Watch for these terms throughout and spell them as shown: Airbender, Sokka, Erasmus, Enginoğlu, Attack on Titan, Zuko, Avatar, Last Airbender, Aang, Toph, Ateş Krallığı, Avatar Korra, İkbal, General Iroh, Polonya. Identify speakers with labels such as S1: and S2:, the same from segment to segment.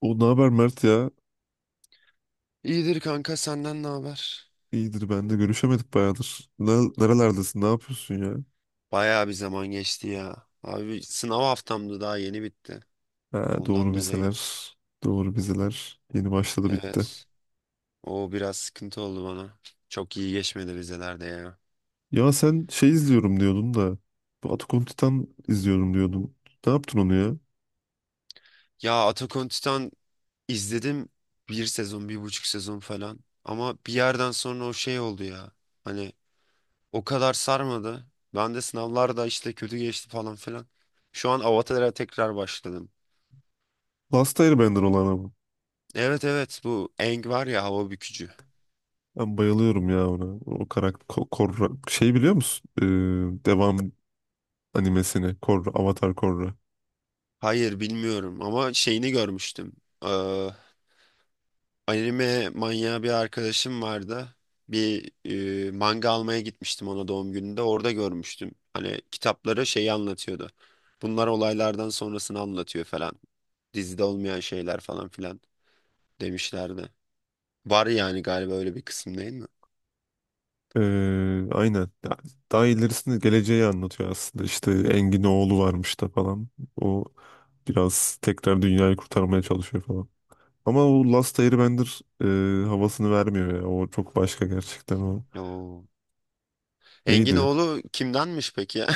S1: O ne haber Mert ya?
S2: İyidir kanka senden ne haber?
S1: İyidir, ben de görüşemedik bayağıdır. Nerelerdesin? Ne yapıyorsun ya?
S2: Bayağı bir zaman geçti ya. Abi sınav haftamdı daha yeni bitti.
S1: Ha, doğru,
S2: Ondan dolayı.
S1: vizeler. Doğru, vizeler. Yeni başladı, bitti.
S2: Evet. O biraz sıkıntı oldu bana. Çok iyi geçmedi vizelerde ya.
S1: Ya sen şey izliyorum diyordun da. Bu Attack on Titan izliyorum diyordun. Ne yaptın onu ya?
S2: Ya Attack on Titan izledim bir sezon, bir buçuk sezon falan. Ama bir yerden sonra o şey oldu ya. Hani o kadar sarmadı. Ben de sınavlarda işte kötü geçti falan filan. Şu an Avatar'a tekrar başladım.
S1: Last Airbender olan ama.
S2: Evet evet, bu Aang var ya, hava bükücü.
S1: Ben bayılıyorum ya ona. O karakter Korra. Şey biliyor musun? Devam animesini. Korra. Avatar Korra.
S2: Hayır bilmiyorum ama şeyini görmüştüm. Ee, Anime manyağı bir arkadaşım vardı. Bir manga almaya gitmiştim ona doğum gününde. Orada görmüştüm. Hani kitapları şeyi anlatıyordu. Bunlar olaylardan sonrasını anlatıyor falan. Dizide olmayan şeyler falan filan demişlerdi. Var yani galiba öyle bir kısım, değil mi?
S1: Ee, aynen. Ya, daha ilerisinde geleceği anlatıyor aslında. İşte Engin oğlu varmış da falan. O biraz tekrar dünyayı kurtarmaya çalışıyor falan. Ama o Last Airbender havasını vermiyor ya. O çok başka gerçekten o.
S2: Oo.
S1: Neydi?
S2: Enginoğlu kimdenmiş peki ya?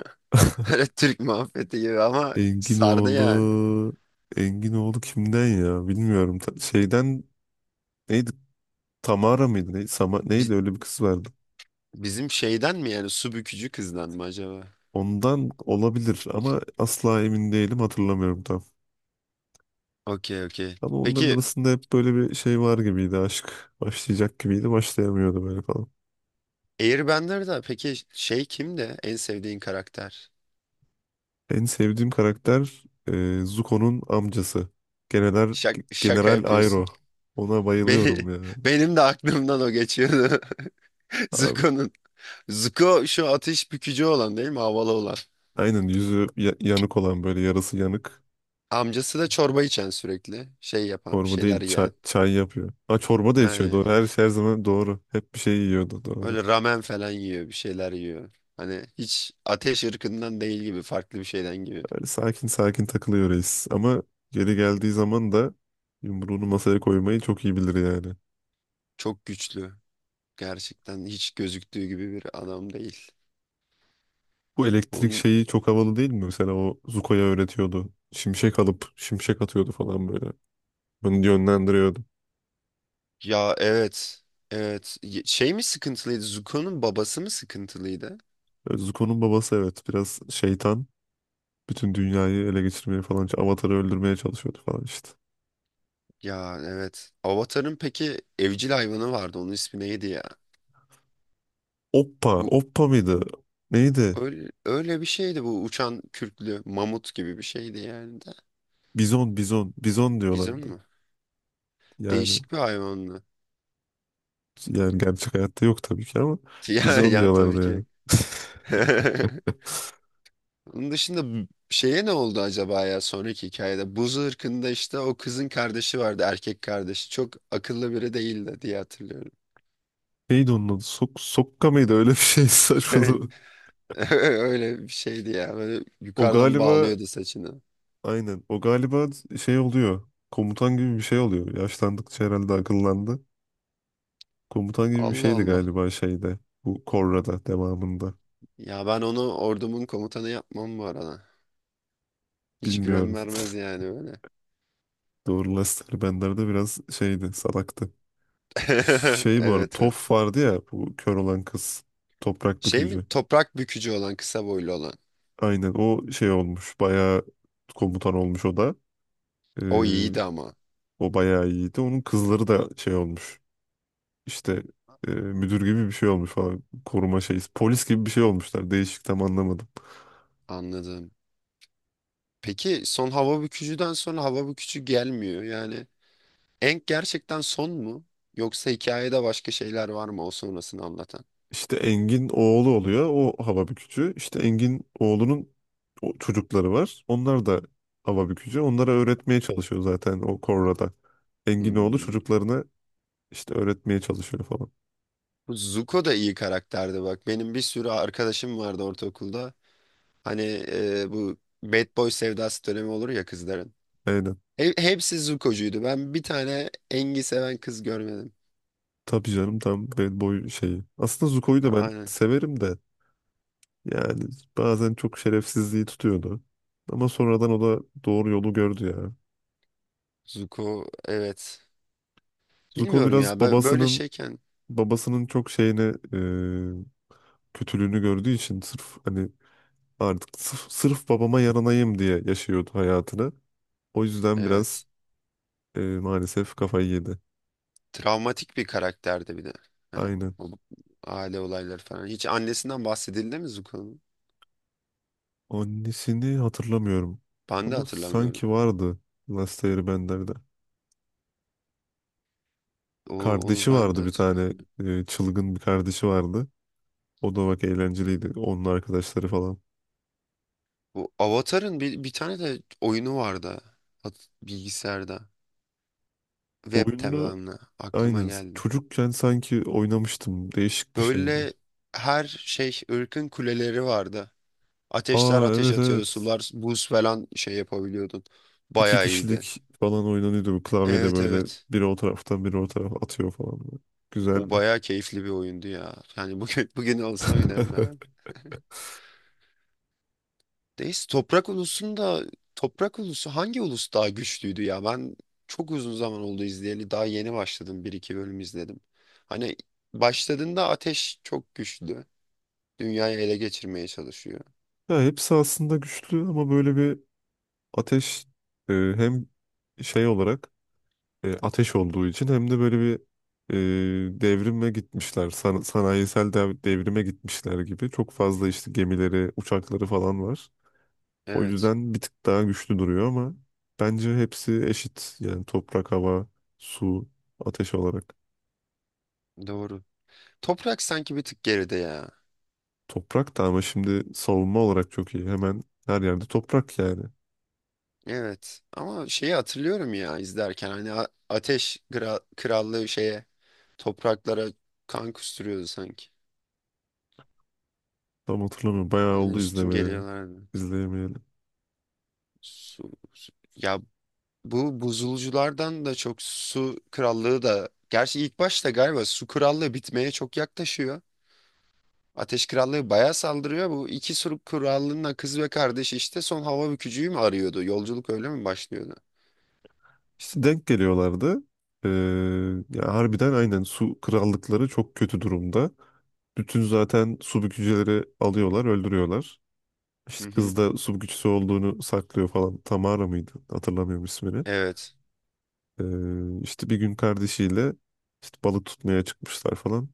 S2: Öyle Türk muhabbeti gibi ama
S1: Engin
S2: sardı yani.
S1: oğlu... Engin oğlu kimden ya? Bilmiyorum. Şeyden neydi? Tamara mıydı? Neydi? Sama...
S2: Biz,
S1: neydi? Öyle bir kız vardı.
S2: Bizim şeyden mi yani, su bükücü kızdan mı acaba?
S1: Ondan olabilir ama asla emin değilim, hatırlamıyorum tam.
S2: Okey okey.
S1: Ama onların
S2: Peki
S1: arasında hep böyle bir şey var gibiydi, aşk. Başlayacak gibiydi, başlayamıyordu böyle falan.
S2: Airbender'da peki şey kimdi? En sevdiğin karakter?
S1: En sevdiğim karakter Zuko'nun amcası. General,
S2: Şaka
S1: General
S2: yapıyorsun.
S1: Airo. Ona bayılıyorum
S2: Be-
S1: ya.
S2: Benim de aklımdan o geçiyordu.
S1: Abi,
S2: Zuko'nun. Zuko şu ateş bükücü olan, değil mi? Havalı olan.
S1: aynen, yüzü yanık olan, böyle yarısı yanık.
S2: Amcası da çorba içen sürekli. Şey yapan, bir
S1: Çorba değil,
S2: şeyler
S1: çay,
S2: yiyen.
S1: çay yapıyor. Ha, çorba da içiyor,
S2: Aynen.
S1: doğru. Her şey her zaman doğru. Hep bir şey yiyordu, doğru.
S2: Öyle ramen falan yiyor, bir şeyler yiyor. Hani hiç ateş ırkından değil gibi, farklı bir şeyden gibi.
S1: Böyle sakin sakin takılıyor reis. Ama geri geldiği zaman da yumruğunu masaya koymayı çok iyi bilir yani.
S2: Çok güçlü. Gerçekten hiç gözüktüğü gibi bir adam değil.
S1: Bu elektrik
S2: Onun
S1: şeyi çok havalı değil mi? Mesela o Zuko'ya öğretiyordu. Şimşek alıp şimşek atıyordu falan böyle. Bunu yönlendiriyordu.
S2: ya evet. Evet. Şey mi sıkıntılıydı? Zuko'nun babası mı sıkıntılıydı?
S1: E, Zuko'nun babası, evet, biraz şeytan. Bütün dünyayı ele geçirmeye falan, Avatar'ı öldürmeye çalışıyordu falan işte.
S2: Ya evet. Avatar'ın peki evcil hayvanı vardı. Onun ismi neydi ya?
S1: Oppa,
S2: Bu
S1: Oppa mıydı? Neydi?
S2: öyle, öyle bir şeydi, bu uçan kürklü mamut gibi bir şeydi yani de.
S1: Bizon, Bizon, Bizon
S2: Bizim
S1: diyorlardı.
S2: mi?
S1: Yani
S2: Değişik bir hayvandı.
S1: yani gerçek hayatta yok tabii ki ama
S2: Ya
S1: Bizon
S2: ya tabii ki.
S1: diyorlardı ya.
S2: Onun dışında şeye ne oldu acaba ya sonraki hikayede? Buz ırkında işte o kızın kardeşi vardı, erkek kardeşi. Çok akıllı biri değildi diye hatırlıyorum.
S1: Neydi onun adı? Sok Sokka mıydı? Öyle bir şey saçmalı.
S2: Öyle bir şeydi ya. Böyle
S1: O
S2: yukarıdan
S1: galiba
S2: bağlıyordu saçını.
S1: aynen. O galiba şey oluyor. Komutan gibi bir şey oluyor. Yaşlandıkça herhalde akıllandı. Komutan gibi bir
S2: Allah
S1: şeydi
S2: Allah.
S1: galiba şeyde. Bu Korra'da devamında.
S2: Ya ben onu ordumun komutanı yapmam bu arada. Hiç güven
S1: Bilmiyorum.
S2: vermez yani öyle.
S1: Doğru, Lester Bender de biraz şeydi. Salaktı. Şey, bu arada
S2: Evet evet.
S1: Toph vardı ya. Bu kör olan kız. Toprak
S2: Şey mi?
S1: bükücü.
S2: Toprak bükücü olan, kısa boylu olan.
S1: Aynen, o şey olmuş. Bayağı komutan olmuş o da.
S2: O
S1: Ee,
S2: iyiydi ama.
S1: O bayağı iyiydi. Onun kızları da şey olmuş. İşte müdür gibi bir şey olmuş falan. Koruma şeyi, polis gibi bir şey olmuşlar. Değişik, tam anlamadım.
S2: Anladım. Peki son hava bükücüden sonra hava bükücü gelmiyor. Yani Enk gerçekten son mu? Yoksa hikayede başka şeyler var mı o sonrasını anlatan?
S1: İşte Engin oğlu oluyor. O hava bükücü. İşte Engin oğlunun o çocukları var. Onlar da hava bükücü. Onlara öğretmeye çalışıyor zaten o Korra'da. Engin oğlu
S2: Hmm.
S1: çocuklarına işte öğretmeye çalışıyor falan.
S2: Bu Zuko da iyi karakterdi bak. Benim bir sürü arkadaşım vardı ortaokulda. Hani bu bad boy sevdası dönemi olur ya kızların.
S1: Aynen.
S2: Hepsi Zuko'cuydu. Ben bir tane Engi seven kız görmedim.
S1: Tabii canım, tam bad boy şeyi. Aslında Zuko'yu da ben
S2: Aynen.
S1: severim de yani bazen çok şerefsizliği tutuyordu. Ama sonradan o da doğru yolu gördü ya.
S2: Zuko evet.
S1: Zuko
S2: Bilmiyorum ya.
S1: biraz
S2: Böyle
S1: babasının
S2: şeyken
S1: babasının çok şeyini e, kötülüğünü gördüğü için sırf, hani, artık sırf babama yaranayım diye yaşıyordu hayatını. O yüzden biraz
S2: evet.
S1: maalesef kafayı yedi.
S2: Travmatik bir karakterdi bir de. Hani
S1: Aynen.
S2: o aile olayları falan. Hiç annesinden bahsedildi mi Zuko'nun?
S1: Annesini hatırlamıyorum.
S2: Ben de
S1: Ama
S2: hatırlamıyorum.
S1: sanki vardı Last Airbender'de.
S2: Onu
S1: Kardeşi
S2: ben de
S1: vardı bir tane,
S2: hatırlamıyorum.
S1: çılgın bir kardeşi vardı. O da bak eğlenceliydi. Onun arkadaşları falan.
S2: Bu Avatar'ın bir tane de oyunu vardı. Bilgisayarda. Web
S1: Oyununu
S2: tabanlı. Aklıma
S1: aynen
S2: geldi.
S1: çocukken sanki oynamıştım. Değişik bir şeydi.
S2: Böyle her şey ırkın kuleleri vardı. Ateşler
S1: Aa,
S2: ateş
S1: evet
S2: atıyordu.
S1: evet.
S2: Sular buz falan şey yapabiliyordun.
S1: İki
S2: Bayağı iyiydi.
S1: kişilik falan oynanıyordu bu klavyede,
S2: Evet
S1: böyle
S2: evet.
S1: biri o taraftan biri o tarafa atıyor falan, böyle.
S2: O
S1: Güzeldi.
S2: bayağı keyifli bir oyundu ya. Yani bugün bugün olsa oynarım herhalde. Deist toprak ulusunda toprak ulusu hangi ulus daha güçlüydü ya? Ben çok uzun zaman oldu izleyeli. Daha yeni başladım. Bir iki bölüm izledim. Hani başladığında ateş çok güçlü. Dünyayı ele geçirmeye çalışıyor.
S1: Ya hepsi aslında güçlü ama böyle bir ateş, hem şey olarak, ateş olduğu için hem de böyle bir devrime gitmişler. Sanayisel devrime gitmişler gibi. Çok fazla işte gemileri, uçakları falan var. O
S2: Evet,
S1: yüzden bir tık daha güçlü duruyor ama bence hepsi eşit. Yani toprak, hava, su, ateş olarak.
S2: doğru. Toprak sanki bir tık geride ya.
S1: Toprak da ama şimdi savunma olarak çok iyi. Hemen her yerde toprak yani.
S2: Evet ama şeyi hatırlıyorum ya izlerken hani ateş krallığı şeye, topraklara kan kusturuyordu sanki.
S1: Tam hatırlamıyorum. Bayağı
S2: Hani
S1: oldu
S2: üstün
S1: izlemeye.
S2: geliyorlardı.
S1: İzleyemeyelim.
S2: Ya, bu buzulculardan da çok su krallığı da gerçi ilk başta galiba su krallığı bitmeye çok yaklaşıyor. Ateş krallığı bayağı saldırıyor. Bu iki su krallığının kız ve kardeşi işte son hava bükücüyü mü arıyordu? Yolculuk öyle mi başlıyordu?
S1: İşte denk geliyorlardı. Ee, Ya harbiden aynen, su krallıkları çok kötü durumda. Bütün zaten su bükücüleri alıyorlar, öldürüyorlar.
S2: Hı
S1: İşte
S2: hı.
S1: kız da su bükücüsü olduğunu saklıyor falan. Tamara mıydı? Hatırlamıyorum ismini.
S2: Evet.
S1: İşte bir gün kardeşiyle işte balık tutmaya çıkmışlar falan.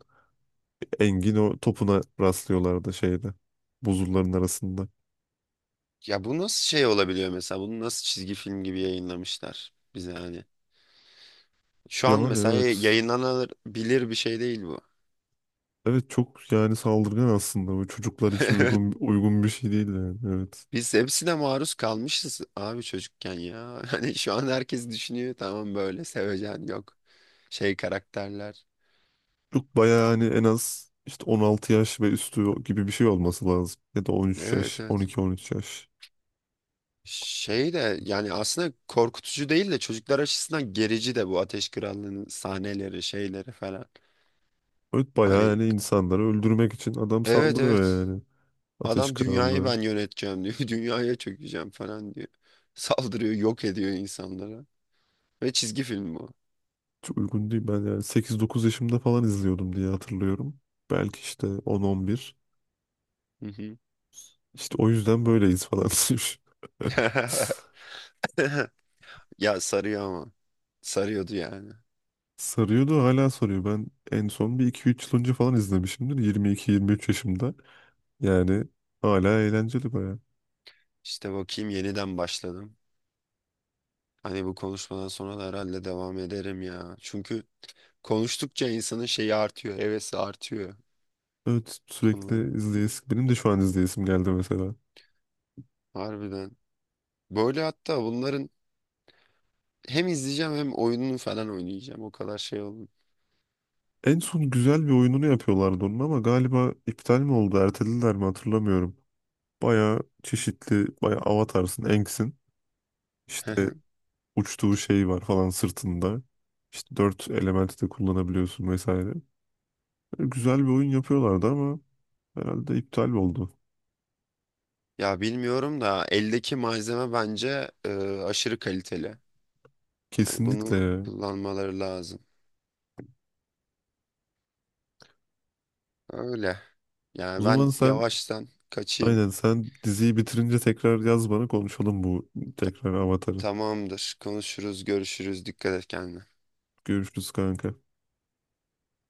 S1: Engin o topuna rastlıyorlardı şeyde. Buzulların arasında.
S2: Ya bu nasıl şey olabiliyor mesela? Bunu nasıl çizgi film gibi yayınlamışlar bize hani? Şu an
S1: Yani
S2: mesela
S1: evet.
S2: yayınlanabilir bir şey değil bu.
S1: Evet, çok yani saldırgan aslında. Bu çocuklar için uygun uygun bir şey değil yani. Evet.
S2: Biz hepsine maruz kalmışız abi çocukken ya. Hani şu an herkes düşünüyor tamam böyle sevecen, yok. Şey karakterler.
S1: Çok bayağı hani en az işte 16 yaş ve üstü gibi bir şey olması lazım. Ya da 13 yaş,
S2: Evet evet.
S1: 12-13 yaş.
S2: Şey de yani aslında korkutucu değil de çocuklar açısından gerici de bu Ateş Krallığı'nın sahneleri şeyleri falan.
S1: Evet bayağı
S2: Hani
S1: yani insanları öldürmek için adam
S2: evet
S1: saldırıyor
S2: evet,
S1: yani. Ateş
S2: adam dünyayı
S1: Krallığı.
S2: ben yöneteceğim diyor. Dünyaya çökeceğim falan diyor. Saldırıyor, yok ediyor insanlara. Ve çizgi film bu.
S1: Çok uygun değil. Ben yani 8 9 yaşımda falan izliyordum diye hatırlıyorum. Belki işte on, on bir.
S2: Hı hı.
S1: İşte o yüzden böyleyiz falan demiş.
S2: Ya sarıyor ama. Sarıyordu yani.
S1: Sarıyordu, hala sarıyor. Ben en son 1 2 3 yıl önce falan izlemişimdir, 22 23 yaşımda. Yani hala eğlenceli baya.
S2: İşte bakayım yeniden başladım. Hani bu konuşmadan sonra da herhalde devam ederim ya. Çünkü konuştukça insanın şeyi artıyor, hevesi artıyor
S1: Evet,
S2: konuları.
S1: sürekli izleyesim. Benim de şu an izleyesim geldi mesela.
S2: Harbiden. Böyle hatta bunların hem izleyeceğim hem oyununu falan oynayacağım. O kadar şey oldu.
S1: En son güzel bir oyununu yapıyorlardı onun ama galiba iptal mi oldu, ertelediler mi hatırlamıyorum. Baya çeşitli, baya Avatar'sın, Aang'sin. İşte uçtuğu şey var falan sırtında. İşte 4 elementi de kullanabiliyorsun vesaire. Güzel bir oyun yapıyorlardı ama herhalde iptal oldu.
S2: Ya bilmiyorum da eldeki malzeme bence aşırı kaliteli. Hani
S1: Kesinlikle
S2: bunu
S1: ya.
S2: kullanmaları lazım. Öyle.
S1: O
S2: Yani
S1: zaman
S2: ben
S1: sen
S2: yavaştan kaçayım.
S1: aynen, sen diziyi bitirince tekrar yaz bana, konuşalım bu, tekrar Avatar'ı.
S2: Tamamdır. Konuşuruz, görüşürüz. Dikkat et kendine.
S1: Görüşürüz kanka.